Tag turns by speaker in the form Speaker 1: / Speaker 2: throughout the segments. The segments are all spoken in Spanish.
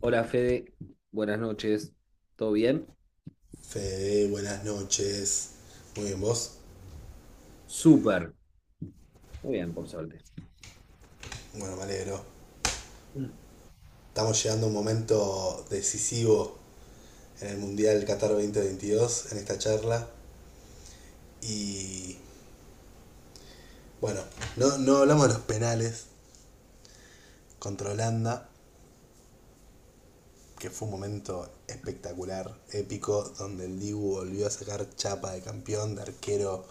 Speaker 1: Hola Fede, buenas noches, ¿todo bien?
Speaker 2: Fede, buenas noches. Muy bien, ¿vos?
Speaker 1: Súper, muy bien, por suerte.
Speaker 2: Bueno, me alegro.
Speaker 1: Mm.
Speaker 2: Estamos llegando a un momento decisivo en el Mundial Qatar 2022, en esta charla. Y bueno, no, no hablamos de los penales contra Holanda, que fue un momento espectacular, épico, donde el Dibu volvió a sacar chapa de campeón, de arquero,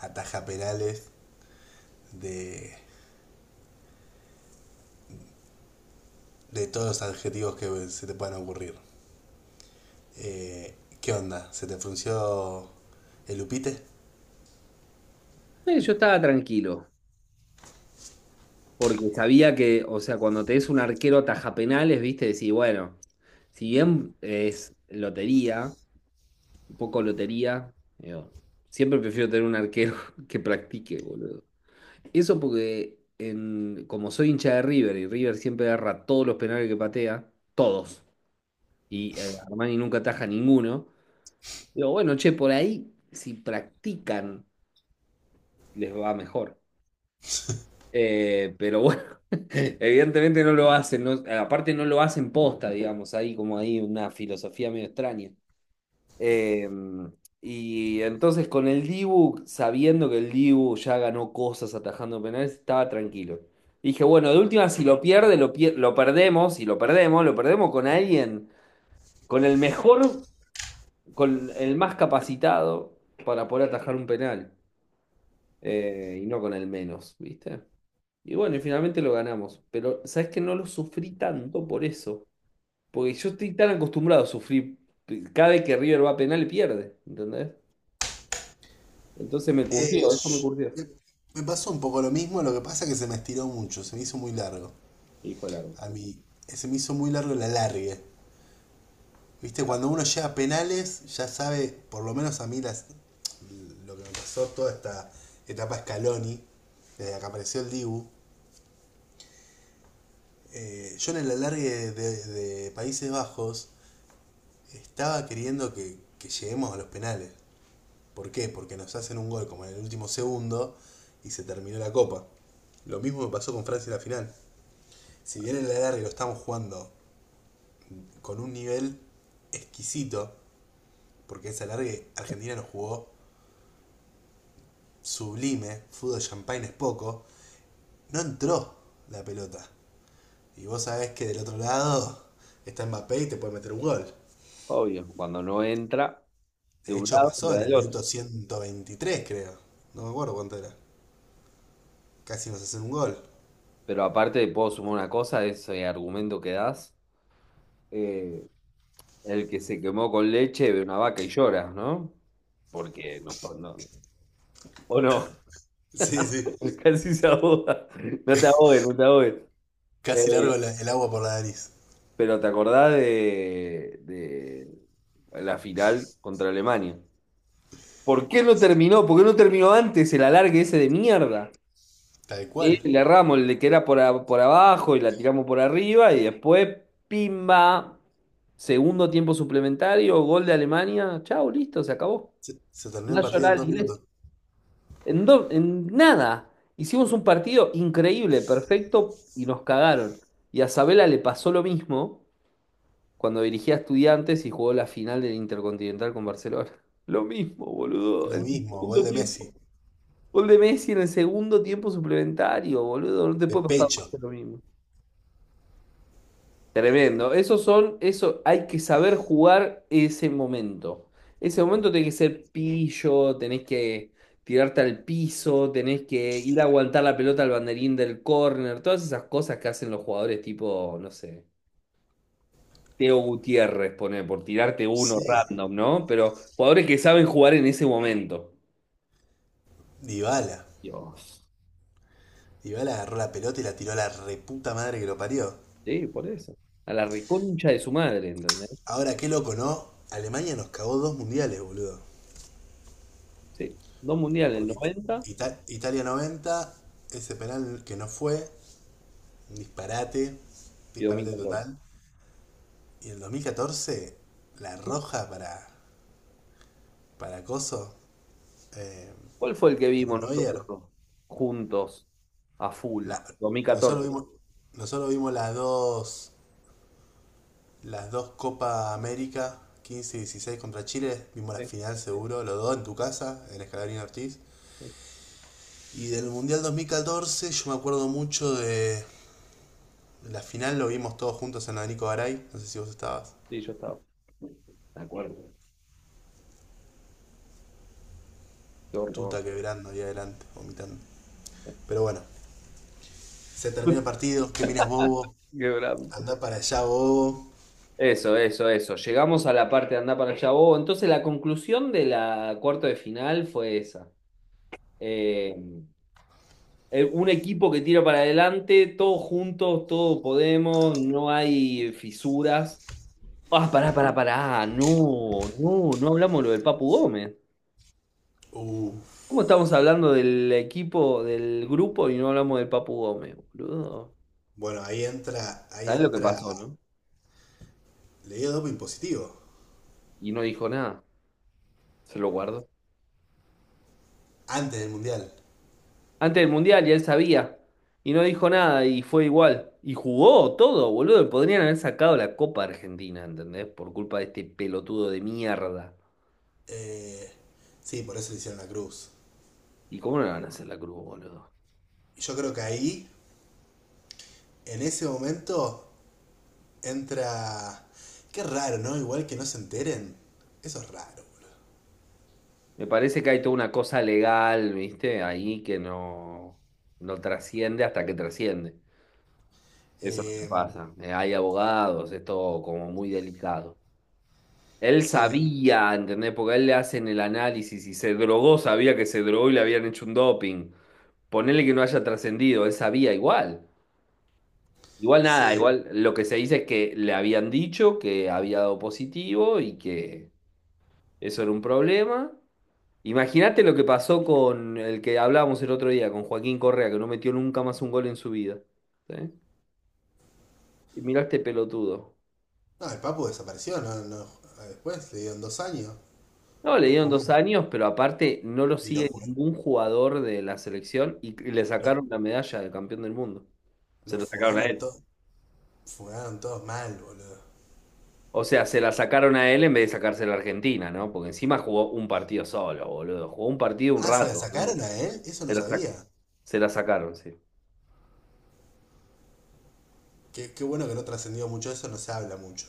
Speaker 2: ataja penales, de, de todos los adjetivos que se te puedan ocurrir. Eh, ¿Qué onda? ¿Se te frunció el upite?
Speaker 1: Yo estaba tranquilo, porque sabía que, o sea, cuando te es un arquero taja penales, viste, decís, bueno, si bien es lotería, un poco lotería, digo, siempre prefiero tener un arquero que practique, boludo. Eso porque como soy hincha de River y River siempre agarra todos los penales que patea, todos, y Armani nunca ataja ninguno. Digo, bueno, che, por ahí si practican les va mejor. Pero bueno, evidentemente no lo hacen, aparte no lo hacen posta, digamos, hay como ahí una filosofía medio extraña. Eh, y entonces con el Dibu, sabiendo que el Dibu ya ganó cosas atajando penales, estaba tranquilo. Dije, bueno, de última, si lo pierde, lo perdemos, y lo perdemos con alguien, con el mejor, con el más capacitado para poder atajar un penal. Y no con el menos, ¿viste? Y bueno, y finalmente lo ganamos. Pero, ¿sabes que no lo sufrí tanto por eso? Porque yo estoy tan acostumbrado a sufrir. Cada vez que River va a penal, pierde, ¿entendés? Entonces me
Speaker 2: Eh,
Speaker 1: curtió, eso me
Speaker 2: sh-
Speaker 1: curtió.
Speaker 2: me Me pasó un poco lo mismo, lo que pasa es que se me estiró mucho, se me hizo muy largo.
Speaker 1: Y fue largo,
Speaker 2: A
Speaker 1: sí.
Speaker 2: mí, se me hizo muy largo el alargue. Viste, cuando uno llega a penales, ya sabe, por lo menos a mí, las, lo que me pasó toda esta etapa Scaloni, desde que apareció el Dibu. Yo en el alargue de Países Bajos estaba queriendo que lleguemos a los penales. ¿Por qué? Porque nos hacen un gol como en el último segundo y se terminó la copa. Lo mismo me pasó con Francia en la final. Si bien el alargue lo estamos jugando con un nivel exquisito, porque ese alargue Argentina nos jugó sublime, fútbol champagne es poco, no entró la pelota. Y vos sabés que del otro lado está Mbappé y te puede meter un gol.
Speaker 1: Obvio, cuando no entra de
Speaker 2: De
Speaker 1: un
Speaker 2: hecho
Speaker 1: lado,
Speaker 2: pasó
Speaker 1: entra
Speaker 2: en el
Speaker 1: del
Speaker 2: minuto
Speaker 1: otro.
Speaker 2: 123 creo. No me acuerdo cuánto era. Casi nos hacen un gol.
Speaker 1: Pero aparte, puedo sumar una cosa, ese argumento que das. eh, el que se quemó con leche ve una vaca y llora, ¿no? Porque o no.
Speaker 2: Sí, sí.
Speaker 1: Casi se ahoga. No te ahogues, no te ahogues. Eh,
Speaker 2: Casi largo el agua por la nariz.
Speaker 1: pero ¿te acordás de la final contra Alemania? ¿Por qué no terminó? ¿Por qué no terminó antes el alargue ese de mierda?
Speaker 2: Tal cual.
Speaker 1: Le erramos el de que era por, por abajo y la tiramos por arriba y después, pimba, segundo tiempo suplementario, gol de Alemania. Chau, listo, se acabó.
Speaker 2: Se terminó el partido en
Speaker 1: Nacional,
Speaker 2: dos minutos.
Speaker 1: En nada. Hicimos un partido increíble, perfecto, y nos cagaron. Y a Sabela le pasó lo mismo cuando dirigía a Estudiantes y jugó la final del Intercontinental con Barcelona. Lo mismo, boludo. En
Speaker 2: Lo
Speaker 1: el
Speaker 2: mismo, gol
Speaker 1: segundo
Speaker 2: de Messi.
Speaker 1: tiempo. Gol de Messi en el segundo tiempo suplementario, boludo. No te
Speaker 2: De
Speaker 1: puede pasar más
Speaker 2: pecho.
Speaker 1: que lo mismo. Tremendo. Esos son, eso hay que saber jugar ese momento. Ese momento tenés que ser pillo, tenés que tirarte al piso, tenés que ir a aguantar la pelota al banderín del córner, todas esas cosas que hacen los jugadores tipo, no sé, Teo Gutiérrez, pone, por tirarte uno
Speaker 2: Sí.
Speaker 1: random, ¿no? Pero jugadores que saben jugar en ese momento.
Speaker 2: Dybala.
Speaker 1: Dios.
Speaker 2: Dybala agarró la pelota y la tiró a la reputa madre que lo parió.
Speaker 1: Sí, por eso. A la reconcha de su madre, ¿entendés?
Speaker 2: Ahora, qué loco, ¿no? Alemania nos cagó dos mundiales, boludo.
Speaker 1: Sí. Dos mundiales, el
Speaker 2: Porque
Speaker 1: 90
Speaker 2: Italia 90, ese penal que no fue, un disparate,
Speaker 1: y dos mil
Speaker 2: disparate
Speaker 1: catorce.
Speaker 2: total. Y en el 2014, la roja para Coso, eh,
Speaker 1: ¿Cuál fue el que
Speaker 2: para
Speaker 1: vimos
Speaker 2: Neuer,
Speaker 1: nosotros juntos a full?
Speaker 2: La- nosotros
Speaker 1: 2014.
Speaker 2: vimos, nosotros vimos las dos Copa América, 15 y 16 contra Chile, vimos la
Speaker 1: Sí,
Speaker 2: final seguro, los dos en tu casa, en Escalarín Ortiz.
Speaker 1: sí,
Speaker 2: Y del Mundial 2014 yo me acuerdo mucho de la final, lo vimos todos juntos en la Nico Garay, no sé si vos estabas,
Speaker 1: sí, yo estaba. De acuerdo. Qué horror.
Speaker 2: tuta quebrando ahí adelante, vomitando. Pero bueno, se termina el partido, qué miras bobo,
Speaker 1: Qué brambo.
Speaker 2: anda para allá bobo.
Speaker 1: Eso, eso, eso. Llegamos a la parte de andar para allá. Oh, entonces la conclusión de la cuarto de final fue esa. Eh, un equipo que tira para adelante, todos juntos, todos podemos, no hay fisuras. Ah, pará, pará, pará. Ah, no, no, no hablamos lo del Papu Gómez.
Speaker 2: Uh,
Speaker 1: ¿Cómo estamos hablando del equipo, del grupo y no hablamos del Papu Gómez, boludo?
Speaker 2: bueno, ahí
Speaker 1: ¿Sabés lo que
Speaker 2: entra,
Speaker 1: pasó, no?
Speaker 2: le dio doping positivo,
Speaker 1: Y no dijo nada, se lo guardó.
Speaker 2: antes del Mundial.
Speaker 1: Antes del Mundial ya él sabía y no dijo nada y fue igual. Y jugó todo, boludo. Podrían haber sacado la Copa Argentina, ¿entendés? Por culpa de este pelotudo de mierda.
Speaker 2: Eh, sí, por eso le hicieron la cruz.
Speaker 1: ¿Y cómo no le van a hacer la cruz, boludo?
Speaker 2: Y yo creo que ahí, en ese momento, entra. Qué raro, ¿no? Igual que no se enteren. Eso es raro, boludo.
Speaker 1: Me parece que hay toda una cosa legal, ¿viste? Ahí que no, no trasciende hasta que trasciende. Eso es lo que
Speaker 2: Eh,
Speaker 1: pasa. Hay abogados, es todo como muy delicado. Él
Speaker 2: sí,
Speaker 1: sabía, ¿entendés? Porque a él le hacen el análisis y se drogó, sabía que se drogó y le habían hecho un doping. Ponele que no haya trascendido, él sabía igual. Igual nada,
Speaker 2: sí.
Speaker 1: igual lo que se dice es que le habían dicho que había dado positivo y que eso era un problema. Imagínate lo que pasó con el que hablábamos el otro día, con Joaquín Correa, que no metió nunca más un gol en su vida. ¿Sí? Y mirá este pelotudo.
Speaker 2: No, el Papu desapareció, no, no, después le dieron dos años,
Speaker 1: No, le
Speaker 2: no
Speaker 1: dieron
Speaker 2: jugó más.
Speaker 1: 2 años, pero aparte no lo
Speaker 2: Y lo,
Speaker 1: sigue
Speaker 2: ju-
Speaker 1: ningún jugador de la selección y le
Speaker 2: lo,
Speaker 1: sacaron la medalla de campeón del mundo. Se
Speaker 2: lo
Speaker 1: lo sacaron a él.
Speaker 2: funaron todos mal, boludo.
Speaker 1: O sea, se la sacaron a él en vez de sacársela a Argentina, ¿no? Porque encima jugó un partido solo, boludo. Jugó un partido un
Speaker 2: Ah, ¿se la
Speaker 1: rato, ¿no? Y
Speaker 2: sacaron a él? Eso
Speaker 1: Se
Speaker 2: no
Speaker 1: la sac-
Speaker 2: sabía.
Speaker 1: se la sacaron, sí.
Speaker 2: Qué, qué bueno que no trascendió mucho eso, no se habla mucho.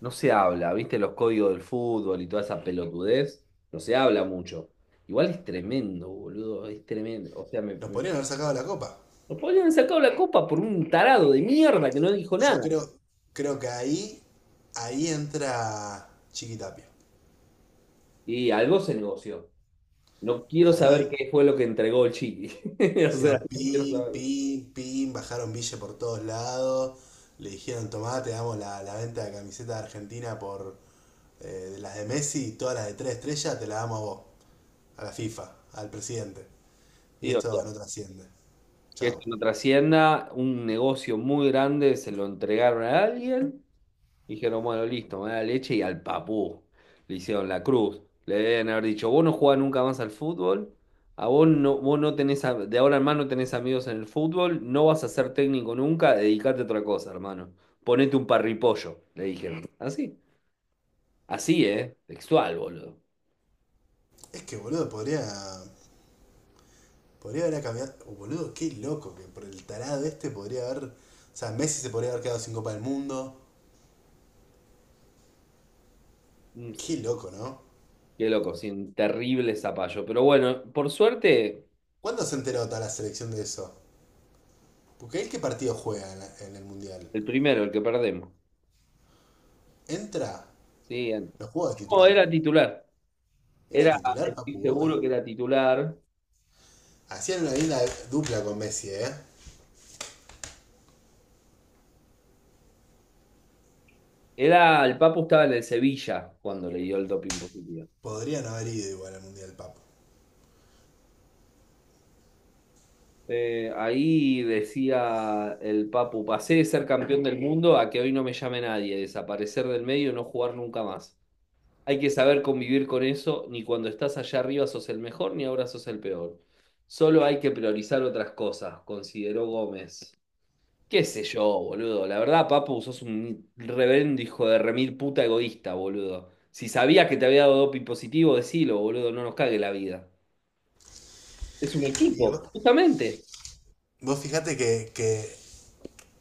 Speaker 1: No se habla, ¿viste? Los códigos del fútbol y toda esa pelotudez. No se habla mucho. Igual es tremendo, boludo. Es tremendo. O sea,
Speaker 2: Nos podrían haber sacado la copa.
Speaker 1: nos podrían haber sacado la copa por un tarado de mierda que no dijo
Speaker 2: Yo
Speaker 1: nada.
Speaker 2: creo, creo que ahí, ahí entra Chiquitapia.
Speaker 1: Y algo se negoció. No quiero
Speaker 2: Ahí
Speaker 1: saber
Speaker 2: em-
Speaker 1: qué fue lo que entregó el Chiqui. O sea,
Speaker 2: Hicieron
Speaker 1: no quiero
Speaker 2: pim,
Speaker 1: saberlo.
Speaker 2: pim, pim, bajaron Ville por todos lados, le dijeron, tomá, te damos la venta de camiseta de Argentina por eh, de las de Messi, todas las de tres estrellas, te las damos a vos, a la FIFA, al presidente. Y
Speaker 1: Sí, o sea,
Speaker 2: esto no trasciende.
Speaker 1: que esto
Speaker 2: Chao.
Speaker 1: no trascienda, un negocio muy grande, se lo entregaron a alguien, dijeron, bueno, listo, me da leche y al papú. Le hicieron la cruz. Le deben haber dicho, vos no jugás nunca más al fútbol, a vos no tenés, de ahora en más no tenés amigos en el fútbol, no vas a ser técnico nunca, dedicate a otra cosa, hermano. Ponete un parripollo, le dijeron. Así, así, ¿eh? Textual, boludo.
Speaker 2: Es que, boludo, podría. Podría haber cambiado. Oh, boludo, qué loco que por el tarado este podría haber. O sea, Messi se podría haber quedado sin Copa del Mundo.
Speaker 1: Mm.
Speaker 2: Qué loco, ¿no?
Speaker 1: Qué loco, sin terrible zapallo. Pero bueno, por suerte,
Speaker 2: ¿Cuándo se enteró toda la selección de eso? Porque él qué partido juega en el Mundial.
Speaker 1: el primero, el que perdemos.
Speaker 2: Entra,
Speaker 1: Sí, el-
Speaker 2: no juega de
Speaker 1: no,
Speaker 2: titular.
Speaker 1: era titular.
Speaker 2: ¿Era
Speaker 1: Era,
Speaker 2: titular Papu
Speaker 1: estoy seguro
Speaker 2: Gómez?
Speaker 1: que era titular.
Speaker 2: Hacían una linda dupla con Messi, ¿eh?
Speaker 1: Era, el Papu estaba en el Sevilla cuando le dio el doping positivo.
Speaker 2: Podrían haber ido igual al Mundial Papu.
Speaker 1: Ahí decía el Papu, pasé de ser campeón del mundo a que hoy no me llame nadie, desaparecer del medio y no jugar nunca más. Hay que saber convivir con eso, ni cuando estás allá arriba sos el mejor, ni ahora sos el peor. Solo hay que priorizar otras cosas, consideró Gómez. Qué sé yo, boludo. La verdad, Papu, sos un reverendo hijo de remil puta egoísta, boludo. Si sabías que te había dado doping positivo, decilo, boludo, no nos cague la vida. Es un
Speaker 2: Y vos,
Speaker 1: equipo, justamente.
Speaker 2: vos fijate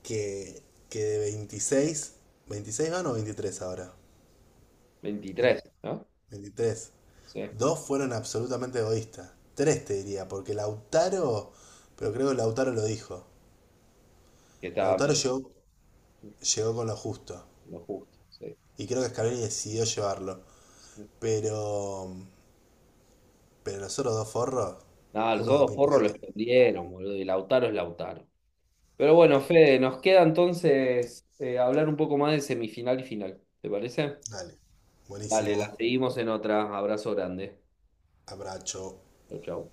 Speaker 2: que, que de 26, 26 van o 23 ahora. Vein-
Speaker 1: 23, ¿no?
Speaker 2: 23.
Speaker 1: Sí,
Speaker 2: Dos fueron absolutamente egoístas. Tres te diría, porque Lautaro, pero creo que Lautaro lo dijo.
Speaker 1: que estaba
Speaker 2: Lautaro
Speaker 1: medio
Speaker 2: llegó, llegó con lo justo.
Speaker 1: lo justo, sí.
Speaker 2: Y creo que Scaloni decidió llevarlo.
Speaker 1: Sí.
Speaker 2: Pero. Pero los otros dos forros,
Speaker 1: Nada, los
Speaker 2: uno da
Speaker 1: otros
Speaker 2: pin
Speaker 1: porros lo
Speaker 2: positivo.
Speaker 1: escondieron, boludo, y Lautaro es Lautaro. Pero bueno, Fede, nos queda entonces hablar un poco más de semifinal y final. ¿Te parece?
Speaker 2: Dale.
Speaker 1: Dale, la
Speaker 2: Buenísimo.
Speaker 1: seguimos en otra. Abrazo grande.
Speaker 2: Abrazo.
Speaker 1: Chau, chau.